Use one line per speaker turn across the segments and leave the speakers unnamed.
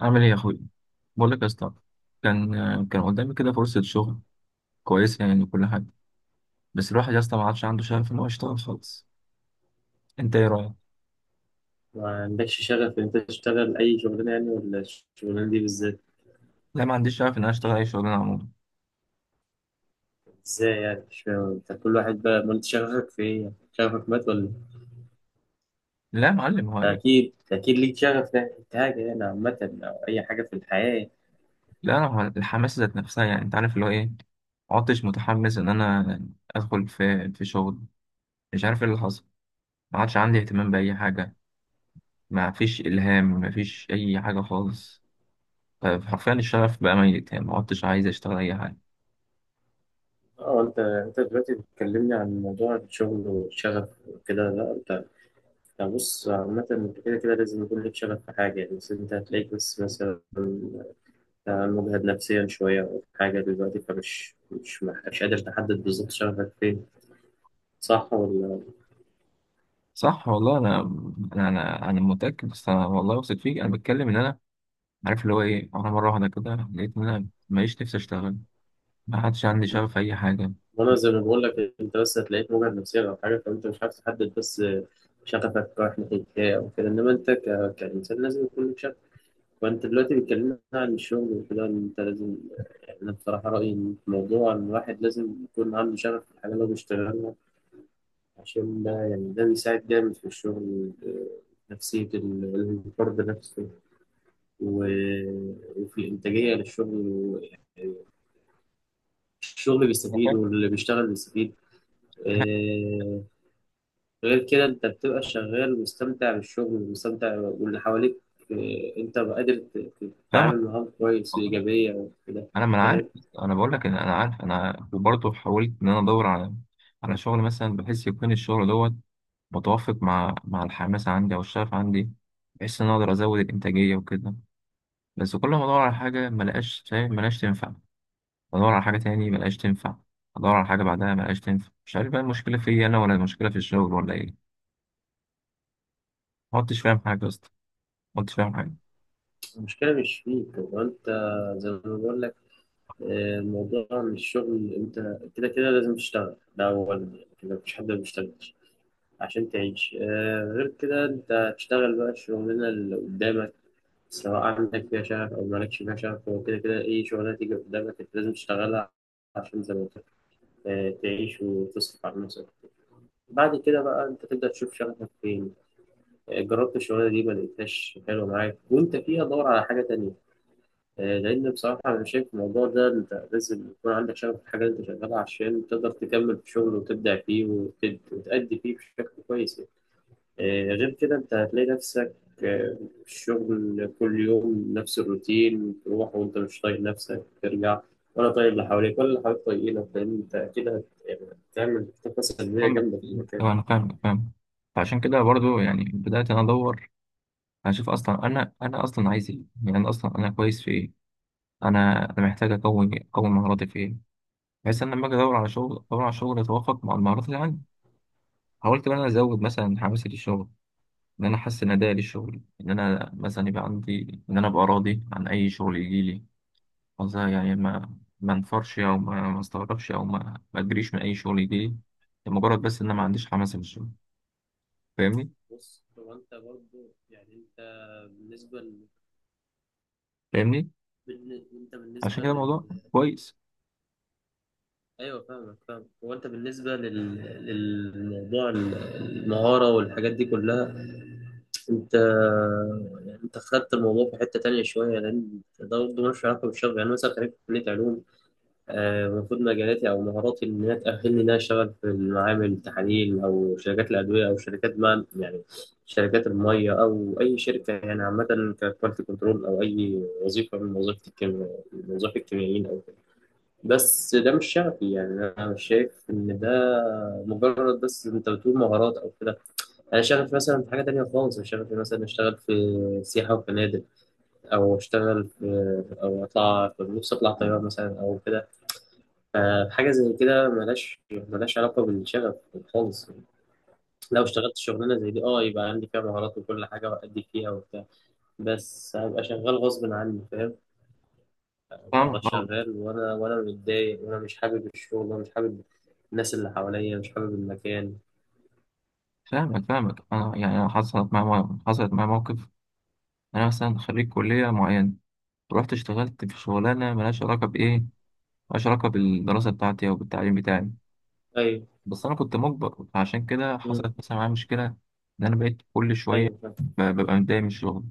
عامل ايه يا اخويا؟ بقول لك يا اسطى، كان كان قدامي كده فرصه شغل كويسه يعني وكل حاجه، بس الواحد يا اسطى ما عادش عنده شغف ان هو يشتغل خالص. انت ايه رايك؟
ما عندكش شغف إن أنت تشتغل أي شغلانة يعني، ولا الشغلانة دي بالذات؟
لا، ما عنديش شغف ان انا اشتغل اي شغلانه عموما.
إزاي يعني؟ مش فاهم. أنت كل واحد بقى، ما أنت شغفك في إيه يعني؟ شغفك مات ولا إيه؟
لا يا معلم، هو
أكيد أكيد ليك شغف ناحية حاجة يعني، عامة أو أي حاجة في الحياة يعني.
لا، انا هو الحماس ذات نفسها، يعني انت عارف اللي هو ايه، ما عدتش متحمس ان انا ادخل في شغل. مش عارف ايه اللي حصل، ما عادش عندي اهتمام باي حاجه، ما فيش الهام، ما فيش اي حاجه خالص. ف- فحرفيا الشغف بقى ميت، يعني ما عدتش عايز اشتغل اي حاجه.
أه، أنت دلوقتي بتكلمني عن موضوع الشغل والشغف وكده. لا أنت بص، عامة أنت كده كده لازم يكون ليك شغف في حاجة يعني. بس أنت هتلاقيك بس مثلا مجهد نفسيا شوية أو حاجة دلوقتي، فمش مش مش قادر تحدد بالظبط شغفك فين. صح ولا؟
صح والله، انا انا انا أنا متاكد، بس انا والله واثق فيك، انا بتكلم ان انا عارف اللي هو ايه. انا مره واحده كده لقيت ان انا ماليش نفسي اشتغل، ما حدش عندي شغف في اي حاجه.
وانا زي ما بقول لك، انت بس هتلاقيك مجهد نفسيا او حاجه، فانت مش عارف تحدد بس شغفك رايح ناحيه ايه او كده. انما انت كانسان لازم يكون لك شغف. وانت دلوقتي بيتكلمنا عن الشغل وكده، إن انت لازم، يعني انا بصراحه رايي إن في موضوع ان الواحد لازم يكون عنده شغف في الحاجه اللي هو بيشتغلها. عشان ده يعني ده بيساعد جامد في الشغل. آه، نفسيه الحر بنفسه، و... وفي انتاجيه للشغل، و- الشغل
أنا
بيستفيد
فاهم.
واللي بيشتغل بيستفيد.
انا
آه. غير كده انت بتبقى شغال مستمتع بالشغل ومستمتع واللي حواليك. آه، انت بقى قادر
فاهمك
تتعامل معاهم كويس
والله،
وإيجابية وكده.
انا ما انا عارف.
فاهم؟
انا بقول لك ان انا عارف انا، وبرضه حاولت ان انا ادور على شغل مثلا، بحيث يكون الشغل دوت متوافق مع الحماس عندي او الشغف عندي، بحيث ان أنا اقدر ازود الانتاجيه وكده. بس كل ما ادور على حاجه ما لقاش تنفع، بدور على حاجة تاني ملقاش تنفع، بدور على حاجة بعدها ملقاش تنفع. مش عارف بقى المشكلة فيا أنا ولا المشكلة في الشغل ولا إيه. ما كنتش فاهم حاجة يا اسطى، ما كنتش فاهم حاجة.
المشكلة مش فيك، هو انت زي ما بقول لك، آه، الموضوع مش شغل. انت كده كده لازم تشتغل، ده أولا يعني. كده مفيش حد ما بيشتغلش عشان تعيش. آه، غير كده انت تشتغل بقى الشغلانة اللي قدامك، سواء عندك فيها شغف أو مالكش فيها شغف. هو كده كده أي شغلانة تيجي قدامك أنت لازم تشتغلها، عشان زي ما قلت، آه، تعيش وتصرف على نفسك. بعد كده بقى انت تبدأ تشوف شغفك فين. آه، جربت الشغلانة دي، ما لقيتهاش حلوة معاك وانت فيها، دور على حاجة تانية. آه، لأن بصراحة أنا شايف الموضوع ده، أنت لازم يكون عندك شغف في الحاجة اللي أنت شغالها عشان تقدر تكمل في الشغل وتبدع فيه، وتأدي فيه بشكل كويس يعني. آه، غير كده انت هتلاقي نفسك، آه، الشغل كل يوم نفس الروتين، تروح وانت مش طايق نفسك، ترجع ولا طايق اللي حواليك ولا اللي حواليك طايقينك، لان انت اكيد هت- يعني هتعمل طاقة سلبية
محمد،
جامدة في المكان.
أيوة أنا فاهم فاهم. فعشان كده برضو يعني بدأت أنا أدور، أشوف أصلا أنا أصلا عايز إيه يعني، أنا أصلا أنا كويس في إيه، أنا محتاج أكون إيه؟ أكون مهاراتي في إيه، بحيث إن لما أجي أدور على شغل أدور على شغل يتوافق مع المهارات اللي عندي. حاولت إن أنا أزود مثلا حماسي للشغل، إن أنا أحسن أدائي للشغل، إن أنا مثلا يبقى عندي إن أنا أبقى راضي عن أي شغل يجيلي. قصدها يعني ما انفرش، او ما استغربش، او ما اجريش من اي شغل يجي لي، لمجرد بس ان انا ما عنديش حماسه في الشغل. فاهمني؟
بص، هو انت برضه يعني انت بالنسبه ل...
فاهمني؟
انت
عشان
بالنسبه
كده
لل...
الموضوع كويس.
ايوه، فاهمك، فاهم. هو انت بالنسبه لل... للموضوع ال- المهاره والحاجات دي كلها، انت يعني انت خدت الموضوع في حته تانية شويه، لان ده برضه ملوش علاقه بالشغل. يعني مثلا خريج كليه علوم، آه، المفروض مجالاتي او مهاراتي ان هي تاهلني ان انا اشتغل في المعامل التحاليل او شركات الادويه او شركات، ما يعني شركات الميه او اي شركه يعني، عامه ككواليتي كنترول او اي وظيفه من وظيفه الكيمياء، من وظائف الكيميائيين. بس ده مش شغفي يعني. انا مش شايف ان ده، مجرد بس انت بتقول مهارات او كده. انا شغفي مثلا في حاجه تانية خالص. انا شغفي مثلا اشتغل في سياحه وفنادق، او اشتغل في، او اطلع نفسي، اطلع طياره مثلا او كده. فحاجه زي كده ملهاش علاقه بالشغف خالص. لو اشتغلت شغلانه زي دي، اه، يبقى عندي فيها مهارات وكل حاجه وادي فيها وبتاع، بس هبقى شغال غصب عني. فاهم؟ ابقى
فاهمك أوي.
شغال وانا متضايق، وانا مش حابب الشغل، وانا مش حابب الناس اللي حواليا، مش حابب المكان.
فاهمك فاهمك، انا يعني أنا حصلت معايا، حصلت معايا موقف. انا مثلا خريج كليه معينه، رحت اشتغلت في شغلانه ملهاش علاقه بايه، ملهاش علاقه بالدراسه بتاعتي او بالتعليم بتاعي.
ايوه.
بس انا كنت مجبر، فعشان كده
مم.
حصلت مثلا معايا مشكله. ان انا بقيت كل شويه
ايوه، فاهم.
ب- ببقى متضايق من الشغل،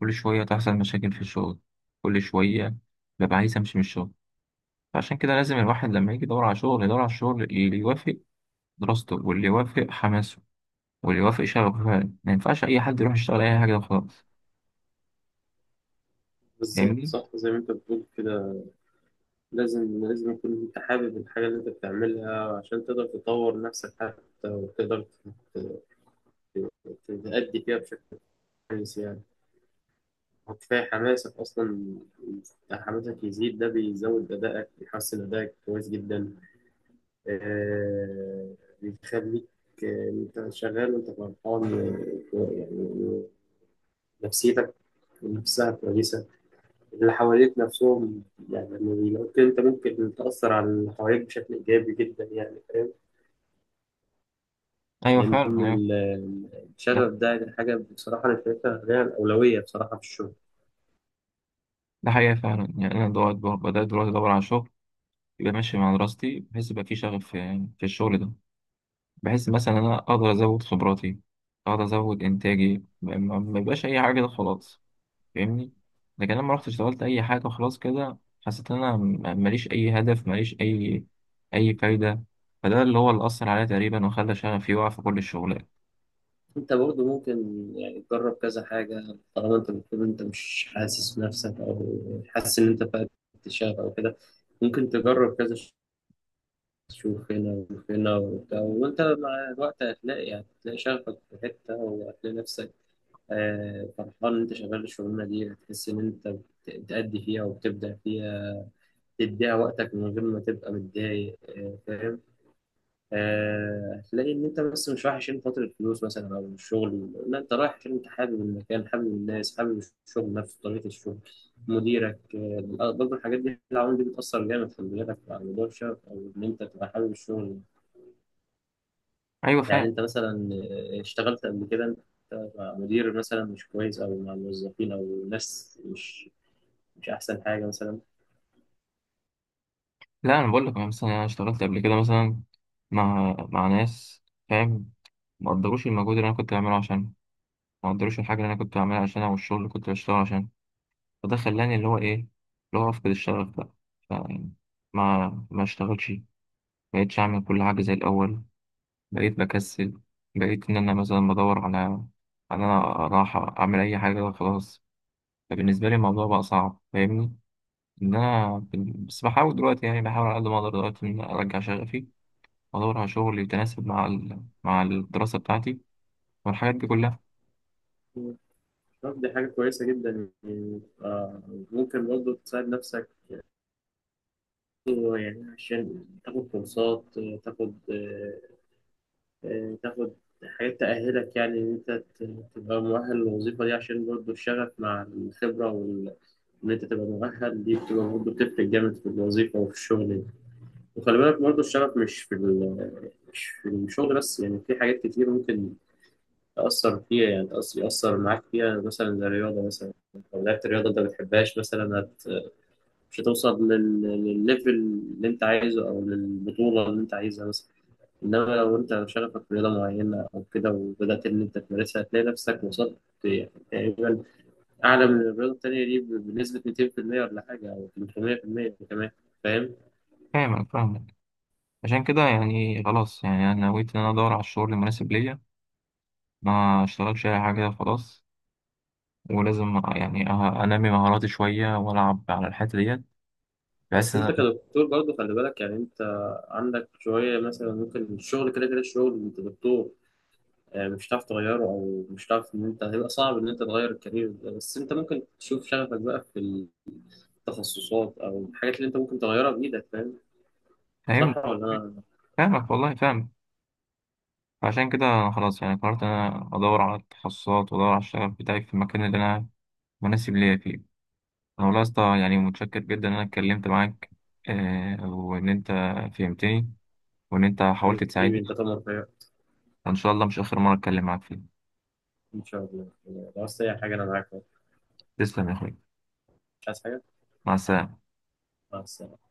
كل شويه تحصل مشاكل في الشغل، كل شويه ببقى عايز امشي من الشغل. فعشان كده لازم الواحد لما يجي يدور على شغل، يدور على الشغل اللي يوافق دراسته، واللي يوافق حماسه، واللي يوافق شغفه فعلا. ما ينفعش اي حد يروح يشتغل اي حاجه وخلاص.
بالظبط،
فاهمني؟
صح، زي ما انت بتقول كده. لازم لازم يكون انت حابب الحاجه اللي انت بتعملها عشان تقدر تطور نفسك حتى، وتقدر تأدي فيها بشكل كويس يعني. وكفايه حماسك اصلا. حماسك يزيد، ده بيزود ادائك، بيحسن ادائك كويس جدا. آه، بيخليك، آه، انت شغال وانت فرحان. آه يعني، نفسيتك نفسها كويسة، اللي حواليك نفسهم، يعني لما بيلاقوك كده، انت ممكن تأثر على اللي حواليك بشكل إيجابي جدا يعني. فاهم؟
ايوه
لأن
فعلا، ايوه. ده
الشغف ده يعني حاجة، بصراحة أنا شايفها ليها الأولوية بصراحة في الشغل.
حقيقه فعلا. يعني انا دلوقتي بدات دلوقتي ادور على شغل يبقى ماشي مع دراستي، بحيث يبقى في شغف في الشغل ده، بحيث مثلا انا اقدر ازود خبراتي، اقدر ازود انتاجي، ما يبقاش اي حاجه كده خلاص. فاهمني؟ لكن انا لما رحت اشتغلت اي حاجه خلاص كده، حسيت ان انا ماليش اي هدف، ماليش اي فايده. فده اللي هو اللي اثر عليا تقريبا وخلى شغفي يقع في كل الشغلات.
أنت برضه ممكن يعني تجرب كذا حاجة، طالما أنت بتقول أنت مش حاسس بنفسك أو حاسس إن أنت فقدت الشغف أو كده. ممكن تجرب كذا، تشوف هنا وشوف هنا وبتاع، وانت مع الوقت هتلاقي، يعني هتلاقي شغفك في حتة، وهتلاقي نفسك آه، فرحان ان انت شغال الشغلانة دي. هتحس ان انت بتأدي فيها وبتبدع فيها، تديها وقتك من غير ما تبقى متضايق. آه، فاهم. آه، هتلاقي ان انت بس مش رايح عشان خاطر الفلوس مثلا او الشغل. لا، انت رايح عشان انت حابب المكان، حابب الناس، حابب الشغل نفسه، طريقة الشغل، مديرك. آه، برضه الحاجات دي، العوامل دي بتأثر جامد في بالك على موضوع الشغف، او ان انت تبقى حابب الشغل.
ايوه
يعني
فاهم.
انت مثلا آه، اشتغلت قبل كده، انت مع مدير مثلا مش كويس، او مع موظفين او ناس مش، مش احسن حاجه مثلا.
لا انا بقول لك، أنا مثلا انا اشتغلت قبل كده مثلا مع ناس فاهم، ما قدروش المجهود اللي انا كنت بعمله عشان، ما قدروش الحاجه اللي انا كنت بعملها عشانها، والشغل اللي كنت بشتغله عشان. فده خلاني اللي هو ايه، اللي هو افقد الشغف بقى. فيعني ما اشتغلش، بقيتش اعمل كل حاجه زي الاول، بقيت بكسل، بقيت ان انا مثلا بدور على ان انا راحه اعمل اي حاجه خلاص. فبالنسبه لي الموضوع بقى صعب. فاهمني؟ ان انا بس بحاول دلوقتي، يعني بحاول على قد ما اقدر دلوقتي ان أنا ارجع شغفي، وادور على شغل يتناسب مع مع الدراسه بتاعتي والحاجات دي كلها.
طب دي حاجه كويسه جدا يعني. آه، ممكن برضه تساعد نفسك يعني، عشان تاخد كورسات، تاخد آه، آه، تاخد حاجات تأهلك يعني، إن أنت ت- تبقى مؤهل للوظيفة دي. عشان برضه الشغف مع الخبرة وإن أنت تبقى مؤهل دي، بتبقى برضه بتفرق جامد في الوظيفة وفي الشغل. وخلي بالك برضه، الشغف مش في ال- مش في الشغل بس يعني، في حاجات كتير ممكن تأثر فيها يعني، يأثر معاك فيها، مثلا زي الرياضة مثلا. لو لعبت الرياضة أنت ما بتحبهاش مثلا، مش هتوصل للليفل اللي أنت عايزه أو للبطولة اللي أنت عايزها مثلا. إنما لو أنت شغفك في رياضة معينة أو كده وبدأت إن أنت تمارسها، هتلاقي نفسك وصلت يعني تقريبا أعلى من الرياضة التانية دي بنسبة 200% ولا حاجة، أو 300% كمان. فاهم؟
فاهم. انا فاهمك. عشان كده يعني خلاص، يعني انا نويت ان انا ادور على الشغل المناسب ليا، ما اشتغلش اي حاجه كده خلاص. ولازم يعني انمي مهاراتي شويه والعب على الحته ديت، بحيث
بس
ان
انت
انا.
كدكتور برضه خلي بالك يعني. انت عندك شوية مثلا، ممكن الشغل كده كده، الشغل انت دكتور يعني، مش هتعرف تغيره، او مش هتعرف ان انت، هيبقى صعب ان انت تغير الكارير ده. بس انت ممكن تشوف شغفك بقى في التخصصات او الحاجات اللي انت ممكن تغيرها بايدك. فاهم؟ صح
فاهم.
ولا؟ انا
فاهمك والله، فاهم. فعشان كده أنا خلاص يعني قررت ان انا ادور على التخصصات، وادور على الشغف بتاعي في المكان اللي انا مناسب ليا فيه. انا والله يا اسطى يعني متشكر جدا ان انا اتكلمت معاك، آه، وان انت فهمتني، وان انت حاولت
حبيبي،
تساعدني.
انت تمر فيا.
وان شاء الله مش اخر مره اتكلم معاك فيه.
ان شاء الله، لو عايز اي حاجة انا معاك.
تسلم يا اخوي،
مش عايز حاجة.
مع السلامه.
مع السلامة.